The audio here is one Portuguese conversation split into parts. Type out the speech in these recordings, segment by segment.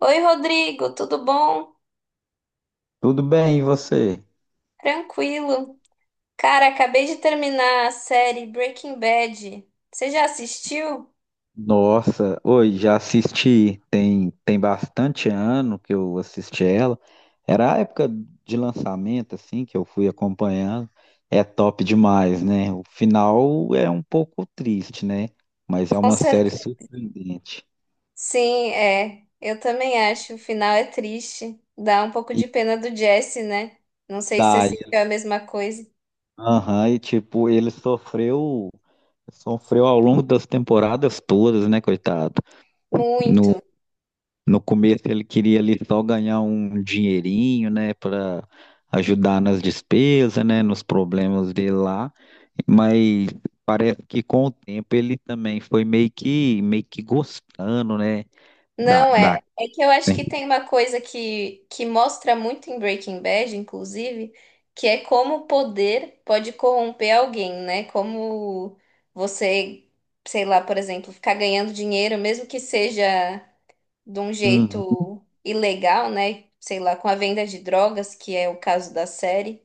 Oi, Rodrigo, tudo bom? Tudo bem, e você? Tranquilo. Cara, acabei de terminar a série Breaking Bad. Você já assistiu? Nossa, oi, já assisti, tem bastante ano que eu assisti ela. Era a época de lançamento, assim, que eu fui acompanhando. É top demais, né? O final é um pouco triste, né? Mas é Com uma série certeza. surpreendente. Sim, é. Eu também acho. O final é triste. Dá um pouco E de pena do Jesse, né? Não sei se você daí, sentiu a mesma coisa. aham, e tipo, sofreu ao longo das temporadas todas, né, coitado? No, Muito. No começo ele queria ali só ganhar um dinheirinho, né, para ajudar nas despesas, né, nos problemas dele lá, mas parece que com o tempo ele também foi meio que gostando, né, da Não, da é, é que eu acho né. que tem uma coisa que mostra muito em Breaking Bad, inclusive, que é como o poder pode corromper alguém, né? Como você, sei lá, por exemplo, ficar ganhando dinheiro, mesmo que seja de um Uhum. jeito ilegal, né? Sei lá, com a venda de drogas, que é o caso da série,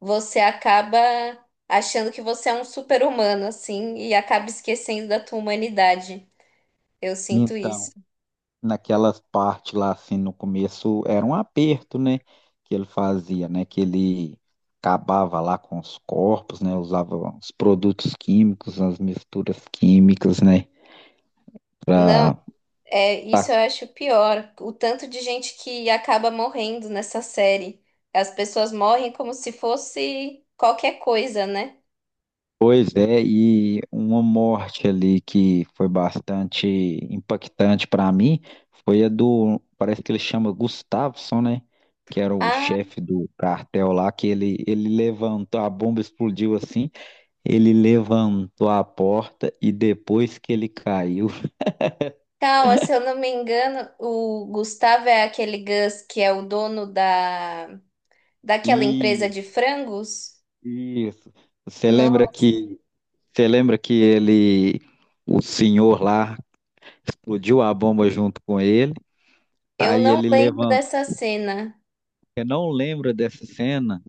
você acaba achando que você é um super-humano, assim, e acaba esquecendo da tua humanidade. Eu sinto isso. Então, naquelas partes lá assim no começo era um aperto, né, que ele fazia, né, que ele acabava lá com os corpos, né, usava os produtos químicos, as misturas químicas, né, Não. para... É, isso eu acho pior. O tanto de gente que acaba morrendo nessa série. As pessoas morrem como se fosse qualquer coisa, né? Pois é, e uma morte ali que foi bastante impactante para mim foi a do, parece que ele chama Gustafsson, né? Que era o Ah, chefe do cartel lá, que ele levantou, a bomba explodiu assim, ele levantou a porta e depois que ele caiu. calma, se eu não me engano, o Gustavo é aquele Gus que é o dono da daquela E empresa de frangos? isso. Você Não, lembra que você lembra que ele, o senhor lá, explodiu a bomba junto com ele, eu aí não ele lembro levantou. dessa cena. Eu não lembro dessa cena.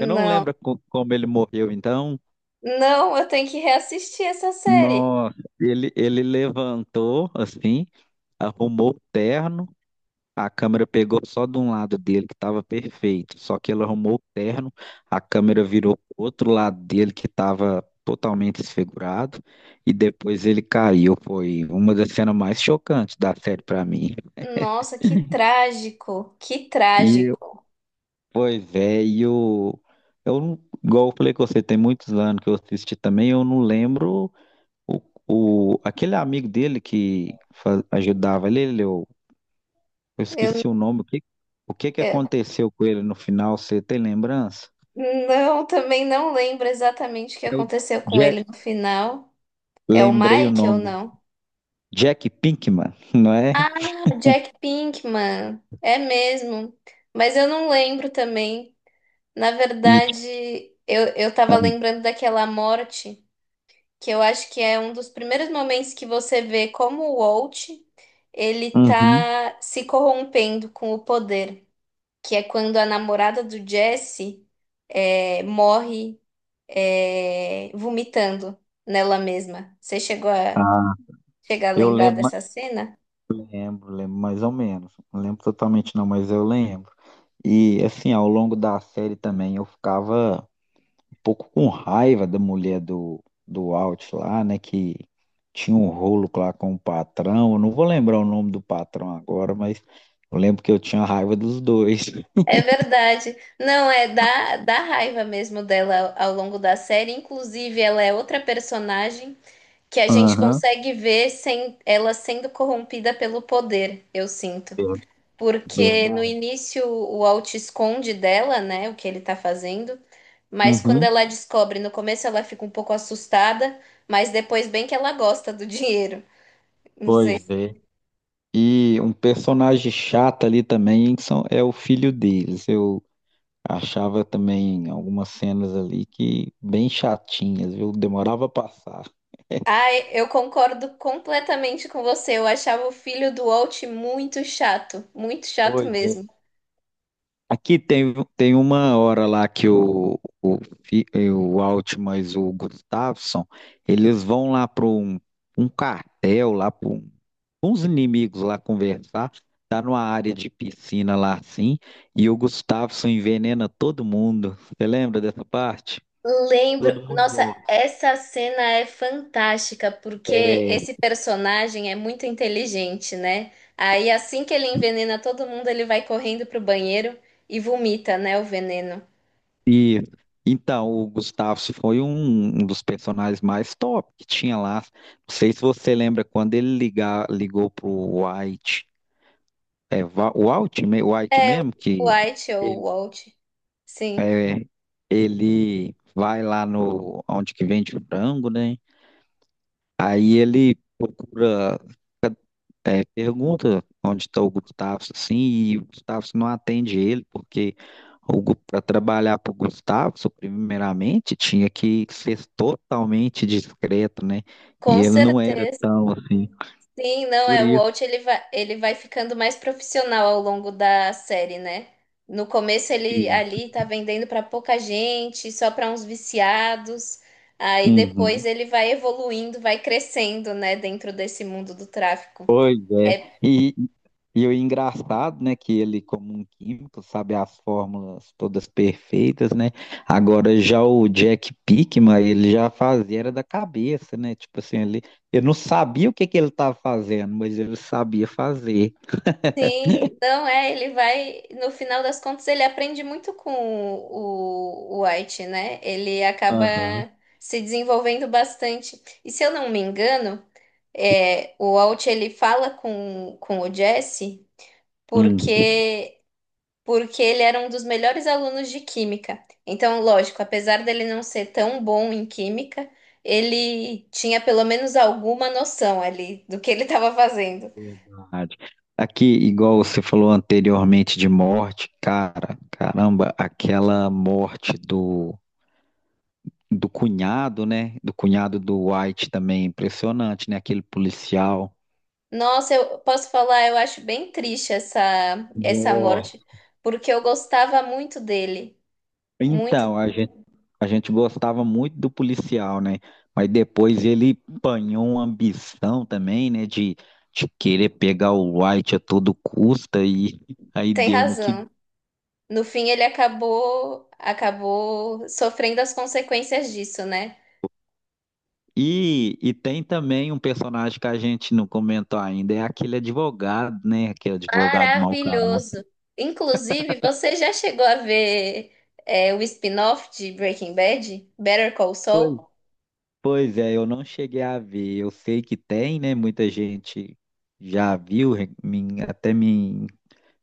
Eu não lembro como ele morreu, então. Não, eu tenho que reassistir essa série. Nossa, ele levantou, assim, arrumou o terno. A câmera pegou só de um lado dele, que estava perfeito. Só que ele arrumou o terno, a câmera virou pro outro lado dele, que estava totalmente desfigurado. E depois ele caiu. Foi uma das cenas mais chocantes da série para mim. Nossa, que trágico, que E trágico. Pois é, eu igual eu falei com você, tem muitos anos que eu assisti também, eu não lembro o, o, aquele amigo dele que ajudava ele, eu Eu, esqueci o nome, o que que eu- aconteceu com ele no final, você tem lembrança? Não, também não lembro exatamente o que É o aconteceu com Jack, ele no final. É o lembrei o Mike ou nome, não? Jack Pinkman, não é? Ah, o Jack Pinkman. É mesmo. Mas eu não lembro também. Na E, verdade, eu tava lembrando daquela morte, que eu acho que é um dos primeiros momentos que você vê como o Walt, ele Uhum. tá se corrompendo com o poder. Que é quando a namorada do Jesse é, morre é, vomitando nela mesma. Você chegou a Ah, chegar a eu lembrar lembro, dessa cena? lembro, lembro mais ou menos, não lembro totalmente não, mas eu lembro. E assim, ao longo da série também eu ficava pouco com raiva da mulher do Alt lá, né? Que tinha um rolo lá com o patrão. Eu não vou lembrar o nome do patrão agora, mas eu lembro que eu tinha raiva dos dois. É verdade. Não, é da raiva mesmo dela ao longo da série. Inclusive, ela é outra personagem que a gente Aham. consegue ver sem ela sendo corrompida pelo poder, eu sinto. Ver- Porque no Verdade. início o Alt esconde dela, né, o que ele tá fazendo. Mas quando Uhum, ela descobre, no começo ela fica um pouco assustada, mas depois bem que ela gosta do dinheiro. Não sei. pois é. E um personagem chato ali também que são, é o filho deles. Eu achava também algumas cenas ali que bem chatinhas, viu? Demorava a passar. Ai, eu concordo completamente com você. Eu achava o filho do Walt muito chato Pois é. mesmo. Aqui tem uma hora lá que o Altman e o Gustafsson, eles vão lá para um cartel, lá para um, uns inimigos lá conversar, tá numa área de piscina lá assim, e o Gustafsson envenena todo mundo. Você lembra dessa parte? Lembro, Todo mundo nossa, morre. essa cena é fantástica porque É. esse personagem é muito inteligente, né? Aí assim que ele envenena todo mundo, ele vai correndo pro banheiro e vomita, né, o veneno. E então, o Gustafsson foi um, um dos personagens mais top que tinha lá. Não sei se você lembra quando ligou pro White. É, o Altman, o White É, mesmo, o que White ou o ele, Walt. Sim, é, ele vai lá no onde que vende frango, né? Aí ele procura, é, pergunta onde está o Gustavo, assim, e o Gustavo não atende ele, porque para trabalhar para o Gustavo, primeiramente, tinha que ser totalmente discreto, né? E com ele não era certeza. tão assim. Sim, não, Por é, o isso Walt ele vai ficando mais profissional ao longo da série, né? No começo ele que. ali tá vendendo pra pouca gente, só pra uns viciados. Aí depois Uhum. ele vai evoluindo, vai crescendo, né, dentro desse mundo do tráfico. Pois é. É, E, e o engraçado, né, que ele, como um químico, sabe as fórmulas todas perfeitas, né? Agora já o Jack Pickman, ele já fazia era da cabeça, né? Tipo assim, ele, eu não sabia o que que ele estava fazendo, mas ele sabia fazer. sim, não é, ele vai, no final das contas ele aprende muito com o White, né? Ele acaba Aham. se desenvolvendo bastante. E se eu não me engano, é, o Walt ele fala com o Jesse Hum, porque porque ele era um dos melhores alunos de química. Então, lógico, apesar dele não ser tão bom em química, ele tinha pelo menos alguma noção ali do que ele estava fazendo. verdade. Aqui, igual você falou anteriormente de morte, cara, caramba, aquela morte do cunhado, né? Do cunhado do White também, impressionante, né? Aquele policial. Nossa, eu posso falar, eu acho bem triste essa Nossa. morte, porque eu gostava muito dele, muito. Então, a gente gostava muito do policial, né? Mas depois ele apanhou uma ambição também, né? De querer pegar o White a todo custa e aí Tem deu no que. razão. No fim, ele acabou sofrendo as consequências disso, né? E tem também um personagem que a gente não comentou ainda, é aquele advogado, né? Aquele advogado mau caráter. Maravilhoso. Inclusive, você já chegou a ver o spin-off de Breaking Bad, Better Call Saul? Pois é, eu não cheguei a ver. Eu sei que tem, né? Muita gente já viu,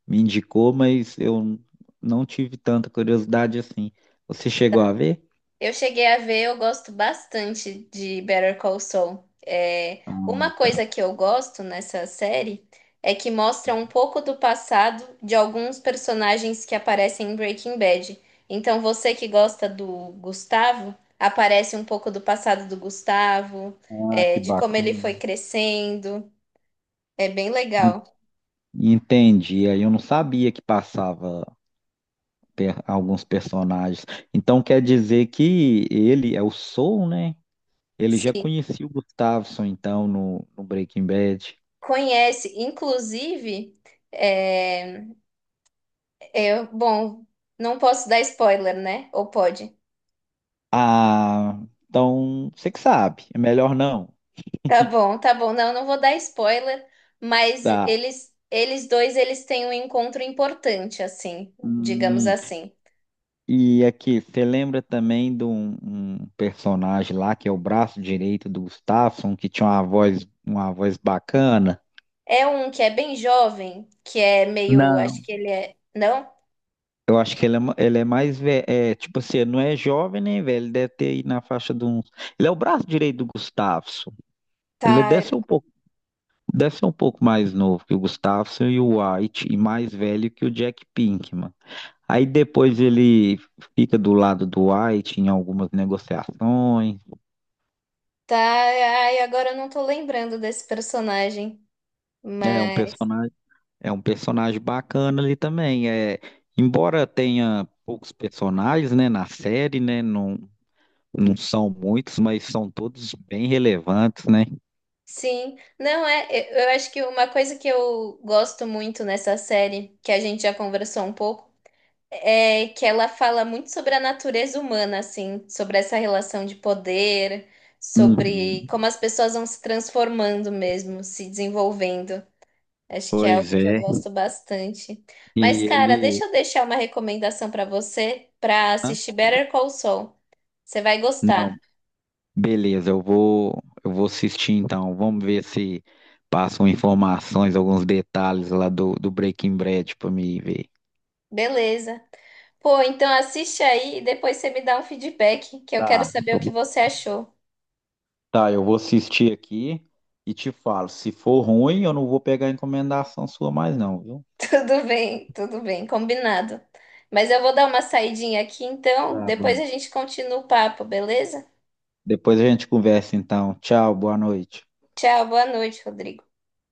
me indicou, mas eu não tive tanta curiosidade assim. Você chegou a ver? Eu cheguei a ver, eu gosto bastante de Better Call Saul. É, Ah, uma tá. coisa que eu gosto nessa série é que mostra um pouco do passado de alguns personagens que aparecem em Breaking Bad. Então, você que gosta do Gustavo, aparece um pouco do passado do Gustavo, Ah, é, que de como ele bacana. foi crescendo. É bem En- legal. Entendi. Aí eu não sabia que passava alguns personagens. Então quer dizer que ele é o Soul, né? Ele já Sim, conhecia o Gustavo, então, no Breaking Bad. conhece. Inclusive, é, eu, bom, não posso dar spoiler, né? Ou pode? Ah, então você que sabe, é melhor não. Tá bom, tá bom. Não, não vou dar spoiler, mas Tá. eles dois, eles têm um encontro importante, assim, digamos Hum, assim. e aqui, você lembra também de um personagem lá que é o braço direito do Gustafsson, que tinha uma voz bacana? É um que é bem jovem, que é meio, acho Não. que ele é, não? Eu acho que ele é, ele é mais velho, é, tipo assim, não é jovem nem velho, ele deve ter aí na faixa de uns. Ele é o braço direito do Gustafsson. Ele Tá, deve ser deve ser um pouco mais novo que o Gustafsson e o White, e mais velho que o Jack Pinkman. Aí depois ele fica do lado do White em algumas negociações. tá. Ai, agora eu não tô lembrando desse personagem, É um mas personagem, é um personagem bacana ali também. É, embora tenha poucos personagens, né, na série, né, não são muitos, mas são todos bem relevantes, né? sim, não é. Eu acho que uma coisa que eu gosto muito nessa série, que a gente já conversou um pouco, é que ela fala muito sobre a natureza humana, assim, sobre essa relação de poder, Uhum. sobre como as pessoas vão se transformando mesmo, se desenvolvendo. Acho que é algo Pois que eu é. gosto bastante. Mas, E cara, ele, deixa eu deixar uma recomendação para você para hã? assistir Better Call Saul. Você vai Não, gostar. beleza, eu vou assistir então. Vamos ver se passam informações, alguns detalhes lá do Breaking Bad para me ver. Beleza. Pô, então assiste aí e depois você me dá um feedback, que eu Tá, quero saber eu, o que vou- você achou. tá, eu vou assistir aqui e te falo. Se for ruim, eu não vou pegar encomendação sua mais, não, viu? Tudo bem, combinado. Mas eu vou dar uma saidinha aqui, então Tá depois bom. a gente continua o papo, beleza? Depois a gente conversa, então. Tchau, boa noite. Tchau, boa noite, Rodrigo.